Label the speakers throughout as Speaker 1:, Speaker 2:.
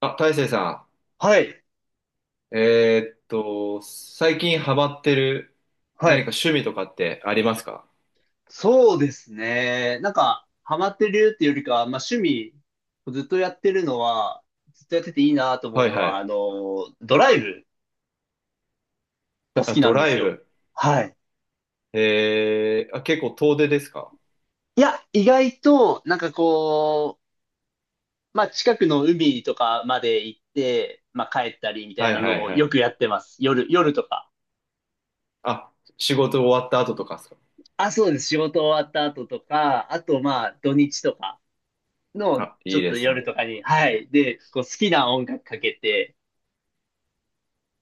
Speaker 1: あ、大成さ
Speaker 2: はい、
Speaker 1: ん、最近ハマってる
Speaker 2: は
Speaker 1: 何か
Speaker 2: い。
Speaker 1: 趣味とかってありますか？
Speaker 2: そうですね。なんか、ハマってるっていうよりかは、まあ趣味、ずっとやってるのは、ずっとやってていいなと思
Speaker 1: は
Speaker 2: う
Speaker 1: い
Speaker 2: の
Speaker 1: は
Speaker 2: は、
Speaker 1: い。
Speaker 2: ドライブが好
Speaker 1: あ、
Speaker 2: きな
Speaker 1: ド
Speaker 2: んで
Speaker 1: ラ
Speaker 2: す
Speaker 1: イ
Speaker 2: よ。
Speaker 1: ブ。
Speaker 2: はい。
Speaker 1: えー、あ、結構遠出ですか？
Speaker 2: いや、意外と、なんかこう、まあ近くの海とかまで行って、まあ帰ったりみた
Speaker 1: は
Speaker 2: い
Speaker 1: い
Speaker 2: な
Speaker 1: は
Speaker 2: の
Speaker 1: い
Speaker 2: を
Speaker 1: は
Speaker 2: よ
Speaker 1: い。
Speaker 2: くやってます。夜とか。
Speaker 1: あ、仕事終わった後とかですか？
Speaker 2: あ、そうです。仕事終わった後とか、あとまあ土日とかの、
Speaker 1: あ、
Speaker 2: ちょ
Speaker 1: いい
Speaker 2: っ
Speaker 1: で
Speaker 2: と
Speaker 1: す
Speaker 2: 夜
Speaker 1: ね。
Speaker 2: とかに、はい。で、こう好きな音楽かけて、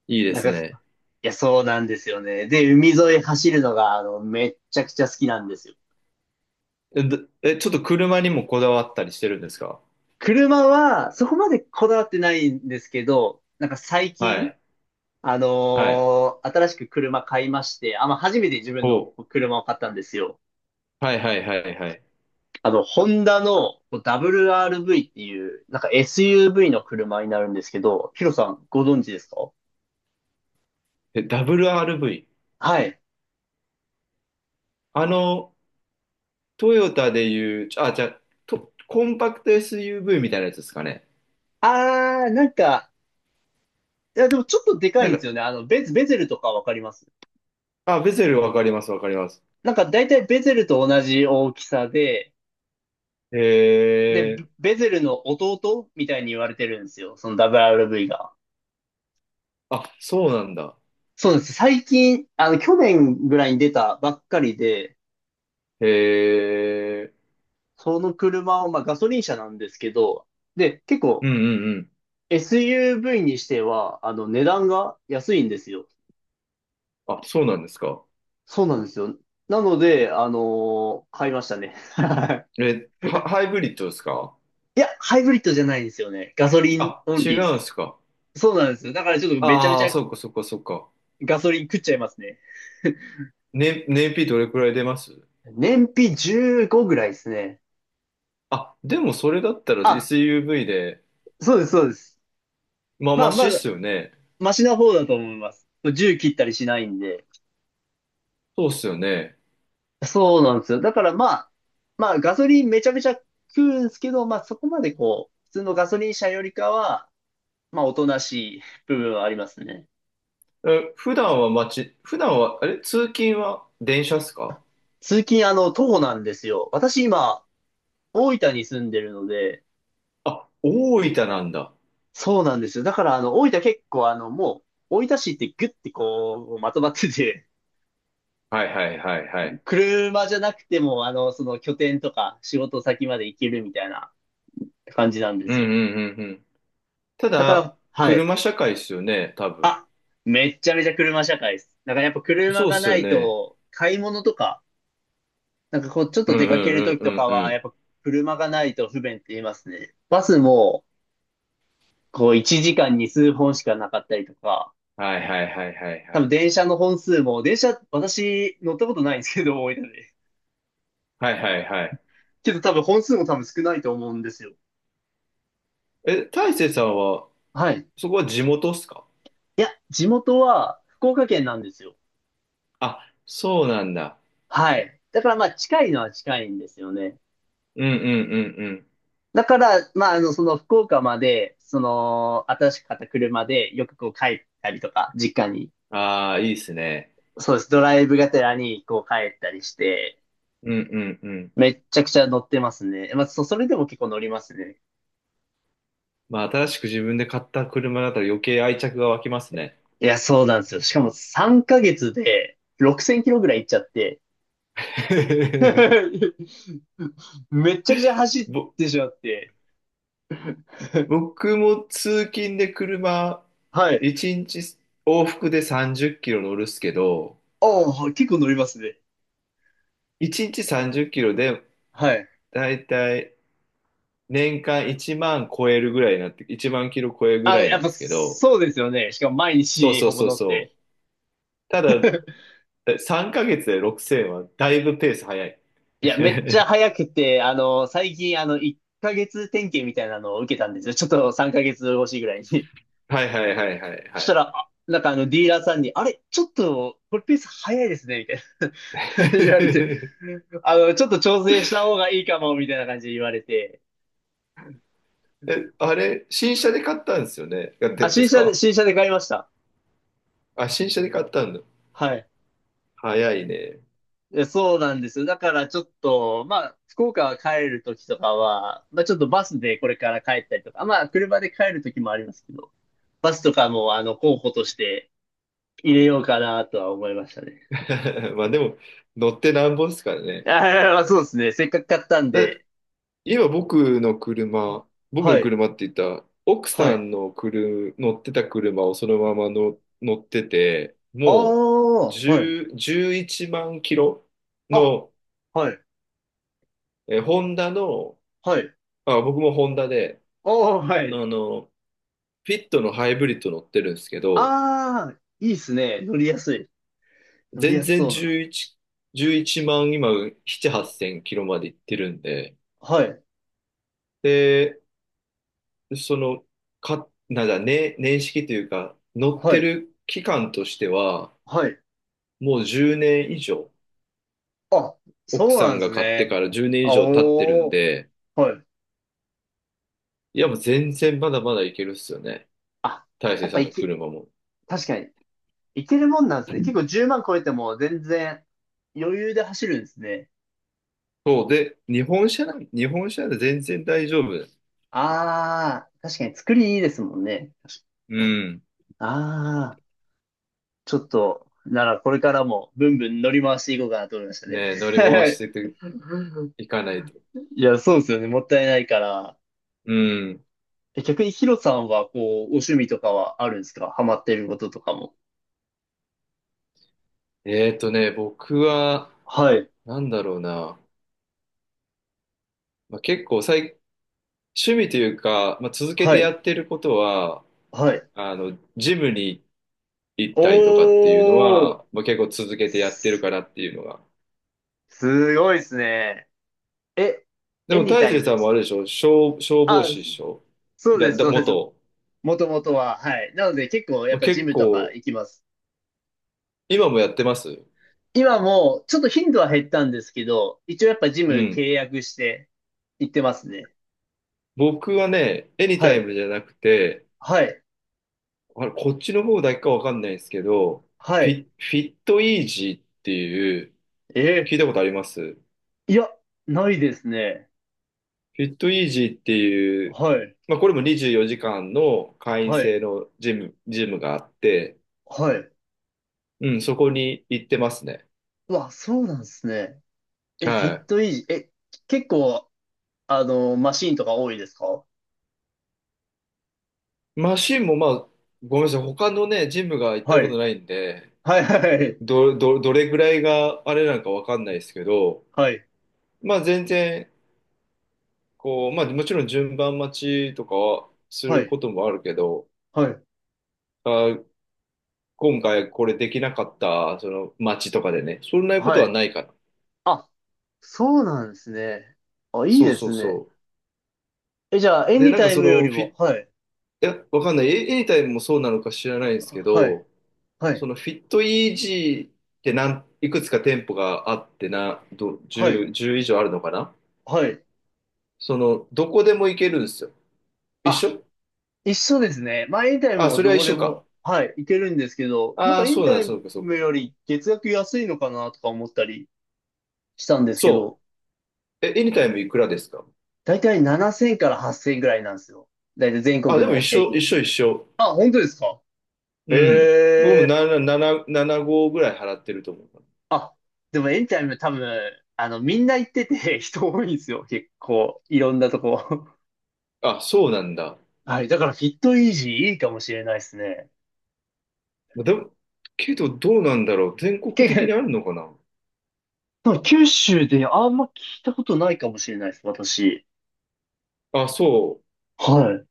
Speaker 1: いいで
Speaker 2: なん
Speaker 1: す
Speaker 2: か、い
Speaker 1: ね。
Speaker 2: や、そうなんですよね。で、海沿い走るのが、めっちゃくちゃ好きなんですよ。
Speaker 1: え、どえ、ちょっと車にもこだわったりしてるんですか？
Speaker 2: 車は、そこまでこだわってないんですけど、なんか最
Speaker 1: は
Speaker 2: 近、
Speaker 1: い。はい。
Speaker 2: 新しく車買いまして、あ、まあ、初めて自分の
Speaker 1: ほう。
Speaker 2: 車を買ったんですよ。
Speaker 1: はいはいはいはい。
Speaker 2: ホンダのこう WRV っていう、なんか SUV の車になるんですけど、ヒロさん、ご存知ですか？
Speaker 1: え、ダブル r v
Speaker 2: はい。
Speaker 1: あの、トヨタでいう、あ、じゃあ、とコンパクト SUV みたいなやつですかね。
Speaker 2: なんか、いや、でもちょっとでか
Speaker 1: な
Speaker 2: い
Speaker 1: ん
Speaker 2: んで
Speaker 1: か、
Speaker 2: すよね。ベゼルとかわかります？
Speaker 1: あ、ベゼルわかります、わかります。
Speaker 2: なんか大体ベゼルと同じ大きさで、
Speaker 1: へえ。
Speaker 2: ベゼルの弟みたいに言われてるんですよ。その WRV が。
Speaker 1: あ、そうなんだ。
Speaker 2: そうなんです。最近、去年ぐらいに出たばっかりで、
Speaker 1: へえ。
Speaker 2: その車を、まあガソリン車なんですけど、で、結
Speaker 1: う
Speaker 2: 構
Speaker 1: んうんうん。
Speaker 2: SUV にしては、値段が安いんですよ。
Speaker 1: あ、そうなんですか。
Speaker 2: そうなんですよ。なので、買いましたね。
Speaker 1: え、ハイブリッドですか？
Speaker 2: いいや、ハイブリッドじゃないんですよね。ガソリン
Speaker 1: あ、
Speaker 2: オン
Speaker 1: 違
Speaker 2: リーで
Speaker 1: うんです
Speaker 2: す。
Speaker 1: か。
Speaker 2: そうなんですよ。だからちょっとめちゃめ
Speaker 1: あ
Speaker 2: ち
Speaker 1: あ、
Speaker 2: ゃ
Speaker 1: そっかそっかそっか。
Speaker 2: ガソリン食っちゃいますね。
Speaker 1: ね、燃費どれくらい出ます？
Speaker 2: 燃費15ぐらいですね。
Speaker 1: あ、でもそれだったら
Speaker 2: あ、
Speaker 1: SUV で、
Speaker 2: そうです、そうです。
Speaker 1: まあ、
Speaker 2: まあ、
Speaker 1: マシ
Speaker 2: ま
Speaker 1: っ
Speaker 2: だ、
Speaker 1: すよね。
Speaker 2: マシな方だと思います。1切ったりしないんで。
Speaker 1: そうっすよね。
Speaker 2: そうなんですよ。だからまあ、ガソリンめちゃめちゃ食うんですけど、まあそこまでこう、普通のガソリン車よりかは、まあおとなしい部分はありますね。
Speaker 1: え、普段は、あれ、通勤は電車っすか？
Speaker 2: 通勤徒歩なんですよ。私今、大分に住んでるので、
Speaker 1: あ、大分なんだ。
Speaker 2: そうなんですよ。だからあの、大分結構もう、大分市ってグッてこう、まとまってて、
Speaker 1: はいはいはいはい。
Speaker 2: 車じゃなくても、その拠点とか仕事先まで行けるみたいな感じなんで
Speaker 1: うん
Speaker 2: すよ。
Speaker 1: うんうん。た
Speaker 2: だから、
Speaker 1: だ、
Speaker 2: はい。
Speaker 1: 車社会ですよね、多分。
Speaker 2: あ、めっちゃめちゃ車社会です。だからやっぱ車
Speaker 1: そうっ
Speaker 2: が
Speaker 1: す
Speaker 2: な
Speaker 1: よ
Speaker 2: い
Speaker 1: ね。
Speaker 2: と、買い物とか、なんかこう、ちょっ
Speaker 1: うん
Speaker 2: と
Speaker 1: う
Speaker 2: 出かけると
Speaker 1: ん
Speaker 2: き
Speaker 1: う
Speaker 2: と
Speaker 1: ん
Speaker 2: か
Speaker 1: うんう
Speaker 2: は、やっ
Speaker 1: ん。
Speaker 2: ぱ車がないと不便って言いますね。バスも、こう、1時間に数本しかなかったりとか、
Speaker 1: はいはいはいはいは
Speaker 2: 多分
Speaker 1: い。
Speaker 2: 電車の本数も、電車、私乗ったことないんですけど、多いので。
Speaker 1: はいはいはい。
Speaker 2: けど多分本数も多分少ないと思うんですよ。
Speaker 1: え、大成さんは、
Speaker 2: はい。
Speaker 1: そこは地元っすか？
Speaker 2: いや、地元は福岡県なんですよ。
Speaker 1: あ、そうなんだ。
Speaker 2: はい。だからまあ近いのは近いんですよね。
Speaker 1: うんうんうんうん。
Speaker 2: だから、まあその福岡まで、その、新しく買った車でよくこう帰ったりとか、実家に。
Speaker 1: ああ、いいっすね。
Speaker 2: そうです。ドライブがてらにこう帰ったりして、
Speaker 1: うんうんうん。
Speaker 2: めっちゃくちゃ乗ってますね。まあそれでも結構乗りますね。
Speaker 1: まあ、新しく自分で買った車だったら余計愛着が湧きますね。
Speaker 2: いや、そうなんですよ。しかも3ヶ月で6000キロぐらい行っちゃって、めっちゃくちゃ走っ
Speaker 1: ぼ、
Speaker 2: てしまって。
Speaker 1: 僕も通勤で車、
Speaker 2: はい。
Speaker 1: 1日往復で30キロ乗るっすけど、
Speaker 2: ああ、結構乗りますね。
Speaker 1: 1日30キロで、
Speaker 2: はい。
Speaker 1: だいたい年間1万超えるぐらいになって、1万キロ超えるぐ
Speaker 2: あ、
Speaker 1: らい
Speaker 2: や
Speaker 1: な
Speaker 2: っ
Speaker 1: ん
Speaker 2: ぱ
Speaker 1: ですけど、
Speaker 2: そうですよね。しかも毎
Speaker 1: そう
Speaker 2: 日
Speaker 1: そ
Speaker 2: ほ
Speaker 1: う
Speaker 2: ぼ
Speaker 1: そう
Speaker 2: 乗っ
Speaker 1: そ
Speaker 2: て。
Speaker 1: う。ただ、3ヶ月で6000はだいぶペース早い。
Speaker 2: いや、めっちゃ 早くて、最近、1ヶ月点検みたいなのを受けたんですよ。ちょっと3ヶ月越しぐらいに。
Speaker 1: はいはいはいはいは
Speaker 2: そした
Speaker 1: い。
Speaker 2: ら、あなんかディーラーさんに、あれ、ちょっと、これペース早いですね、みたいな 言われて、ちょっと調整した方がいいかも、みたいな感じで言われて、
Speaker 1: え、あれ、新車で買ったんですよね。あ
Speaker 2: あ、
Speaker 1: で、ですか？
Speaker 2: 新車で買いました。
Speaker 1: あ、新車で買ったんだ。
Speaker 2: はい。
Speaker 1: 早いね。
Speaker 2: そうなんですよ。だからちょっと、まあ、福岡は帰るときとかは、まあちょっとバスでこれから帰ったりとか、まあ車で帰るときもありますけど、バスとかも候補として入れようかなとは思いましたね。
Speaker 1: まあでも、乗ってなんぼですからね。
Speaker 2: ああ、そうですね。せっかく買ったん
Speaker 1: だ、
Speaker 2: で。
Speaker 1: 家は僕の車、僕
Speaker 2: は
Speaker 1: の
Speaker 2: い、
Speaker 1: 車って言ったら、奥
Speaker 2: は
Speaker 1: さ
Speaker 2: い。
Speaker 1: んの車、乗ってた車をそのままの乗ってて、
Speaker 2: あ
Speaker 1: もう
Speaker 2: あ、はい。
Speaker 1: 10、1万キロ
Speaker 2: あ、
Speaker 1: の、
Speaker 2: はい、
Speaker 1: ホンダの、
Speaker 2: はい。
Speaker 1: あ、僕もホンダで、
Speaker 2: おー、はい。
Speaker 1: あの、フィットのハイブリッド乗ってるんですけど、
Speaker 2: ああ、いいっすね。乗りやすい。乗り
Speaker 1: 全
Speaker 2: やす
Speaker 1: 然
Speaker 2: そうな。
Speaker 1: 11、11万、今、7、8千キロまで行ってるんで、
Speaker 2: はい、
Speaker 1: で、その、か、なんだ、ね、年式というか、乗っ
Speaker 2: は
Speaker 1: て
Speaker 2: い、
Speaker 1: る期間としては、
Speaker 2: はい。
Speaker 1: もう10年以上、
Speaker 2: あ、そ
Speaker 1: 奥
Speaker 2: う
Speaker 1: さ
Speaker 2: なん
Speaker 1: ん
Speaker 2: で
Speaker 1: が
Speaker 2: す
Speaker 1: 買って
Speaker 2: ね。
Speaker 1: から10年以
Speaker 2: あ
Speaker 1: 上経ってるん
Speaker 2: お
Speaker 1: で、
Speaker 2: ー。はい。
Speaker 1: いやもう全然まだまだいけるっすよね。
Speaker 2: あ、
Speaker 1: 大
Speaker 2: や
Speaker 1: 成
Speaker 2: っ
Speaker 1: さ
Speaker 2: ぱ
Speaker 1: ん
Speaker 2: い
Speaker 1: の
Speaker 2: け、
Speaker 1: 車も。
Speaker 2: 確かに、いけるもんなんですね。結構10万超えても全然余裕で走るんですね。
Speaker 1: そうで、日本車で全然大丈夫。
Speaker 2: ああ、確かに作りいいですもんね。
Speaker 1: うん。
Speaker 2: ああ、ちょっと、ならこれからもブンブン乗り回していこうかなと思いましたね。
Speaker 1: ねえ、乗り回しててい かないと。
Speaker 2: いや、そうですよね。もったいないから。
Speaker 1: うん。
Speaker 2: 逆にヒロさんは、こう、お趣味とかはあるんですか？ハマってることとかも。
Speaker 1: ね、僕は、
Speaker 2: はい。
Speaker 1: なんだろうな。まあ、結構最、趣味というか、まあ、続け
Speaker 2: は
Speaker 1: てや
Speaker 2: い。
Speaker 1: ってることは、
Speaker 2: はい。
Speaker 1: あの、ジムに行っ
Speaker 2: お
Speaker 1: たりとかっていうの
Speaker 2: ー。
Speaker 1: は、まあ、結構続けてやってる
Speaker 2: す、
Speaker 1: かなっていうのが。
Speaker 2: すごいですね。え、
Speaker 1: で
Speaker 2: エ
Speaker 1: も
Speaker 2: ニ
Speaker 1: 大
Speaker 2: タイ
Speaker 1: 成
Speaker 2: ム
Speaker 1: さ
Speaker 2: で
Speaker 1: ん
Speaker 2: す
Speaker 1: もあれ
Speaker 2: か？
Speaker 1: でしょ、消防
Speaker 2: あ、
Speaker 1: 士でしょ？
Speaker 2: そうです、そうです。
Speaker 1: 元。
Speaker 2: もともとは。はい。なので結構やっ
Speaker 1: まあ
Speaker 2: ぱジ
Speaker 1: 結
Speaker 2: ムとか
Speaker 1: 構、
Speaker 2: 行きます。
Speaker 1: 今もやってます？
Speaker 2: 今もちょっと頻度は減ったんですけど、一応やっぱジム
Speaker 1: うん。
Speaker 2: 契約して行ってますね。
Speaker 1: 僕はね、エニ
Speaker 2: は
Speaker 1: タイ
Speaker 2: い。
Speaker 1: ムじゃなくて、
Speaker 2: はい。
Speaker 1: あれ、こっちの方だけかわかんないですけど、
Speaker 2: はい。
Speaker 1: フィットイージーっていう、
Speaker 2: え
Speaker 1: 聞
Speaker 2: ー
Speaker 1: いたことあります？
Speaker 2: いや、ないですね。
Speaker 1: フィットイージーっていう、
Speaker 2: はい。
Speaker 1: まあこれも24時間の会員
Speaker 2: は
Speaker 1: 制
Speaker 2: い。
Speaker 1: のジムがあって、
Speaker 2: はい。
Speaker 1: うん、そこに行ってますね。
Speaker 2: うわ、そうなんですね。え、フィ
Speaker 1: は
Speaker 2: ッ
Speaker 1: い。
Speaker 2: トイージー。え、結構、マシーンとか多いですか？
Speaker 1: マシンもまあ、ごめんなさい、他のね、ジムが行った
Speaker 2: は
Speaker 1: こと
Speaker 2: い。
Speaker 1: ないんで、
Speaker 2: はい、はい、
Speaker 1: どれぐらいがあれなのかわかんないですけど、
Speaker 2: はい。
Speaker 1: まあ全然、こう、まあもちろん順番待ちとかはす
Speaker 2: は
Speaker 1: る
Speaker 2: い、
Speaker 1: こともあるけど、
Speaker 2: はい、はい。
Speaker 1: あ、今回これできなかった、その待ちとかでね、そんなこと
Speaker 2: は
Speaker 1: は
Speaker 2: い。
Speaker 1: ないから。
Speaker 2: あ、そうなんですね。あ、いい
Speaker 1: そう
Speaker 2: で
Speaker 1: そう
Speaker 2: すね。
Speaker 1: そ
Speaker 2: え、じゃあ、エ
Speaker 1: う。で、
Speaker 2: ニ
Speaker 1: なん
Speaker 2: タ
Speaker 1: か
Speaker 2: イ
Speaker 1: そ
Speaker 2: ムよ
Speaker 1: の
Speaker 2: りも、
Speaker 1: い
Speaker 2: はい、
Speaker 1: や、わかんない。エニタイムもそうなのか知らないんですけ
Speaker 2: はい、
Speaker 1: ど、
Speaker 2: はい、
Speaker 1: そのフィットイージーっていくつか店舗があってな、
Speaker 2: はい、
Speaker 1: 10、じゅう以上あるのかな？
Speaker 2: はい。
Speaker 1: その、どこでも行けるんですよ。一
Speaker 2: あ、
Speaker 1: 緒。
Speaker 2: 一緒ですね。まあ、エニタイム
Speaker 1: あ、
Speaker 2: も
Speaker 1: それは
Speaker 2: ど
Speaker 1: 一
Speaker 2: こで
Speaker 1: 緒か。
Speaker 2: も、はい、いけるんですけど、なん
Speaker 1: あ
Speaker 2: か
Speaker 1: あ、
Speaker 2: エ
Speaker 1: そ
Speaker 2: ニ
Speaker 1: うなん
Speaker 2: タ
Speaker 1: だ、
Speaker 2: イ
Speaker 1: そうか、そうか、
Speaker 2: ム
Speaker 1: そう
Speaker 2: よ
Speaker 1: か。
Speaker 2: り月額安いのかなとか思ったりしたんですけど、
Speaker 1: そう。エニタイムいくらですか？
Speaker 2: だいたい7000から8000ぐらいなんですよ。だいたい全国
Speaker 1: あ、でも
Speaker 2: の
Speaker 1: 一
Speaker 2: 平
Speaker 1: 緒、
Speaker 2: 均。
Speaker 1: 一緒、一緒。
Speaker 2: あ、本当ですか？
Speaker 1: うん。
Speaker 2: え
Speaker 1: 僕も
Speaker 2: え
Speaker 1: 7、7、75ぐらい払ってると思う。
Speaker 2: でもエニタイム多分、みんな行ってて 人多いんですよ。結構、いろんなとこ。
Speaker 1: あ、そうなんだ。
Speaker 2: はい。だから、フィットイージーいいかもしれないですね。
Speaker 1: でも、けどどうなんだろう。全国
Speaker 2: 結
Speaker 1: 的に
Speaker 2: 構、
Speaker 1: あるのかな？
Speaker 2: その九州であんま聞いたことないかもしれないです、私。
Speaker 1: あ、そ
Speaker 2: はい。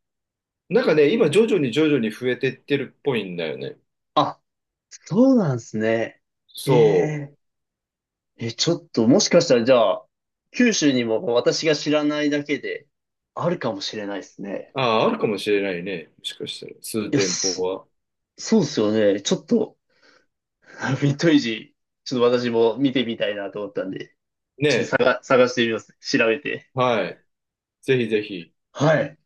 Speaker 1: う。なんかね、今徐々に徐々に増えてってるっぽいんだよね。
Speaker 2: あ、そうなんですね。え
Speaker 1: そう。
Speaker 2: ええ、ちょっと、もしかしたら、じゃあ、九州にも私が知らないだけで、あるかもしれないですね。
Speaker 1: ああ、あるかもしれないね。もしかしたら、数
Speaker 2: よ
Speaker 1: 店舗
Speaker 2: し、
Speaker 1: は。
Speaker 2: そうですよね。ちょっと、フィットイージー、ちょっと私も見てみたいなと思ったんで、
Speaker 1: ねえ。
Speaker 2: 探してみます。調べて。
Speaker 1: はい。ぜひぜひ。
Speaker 2: はい。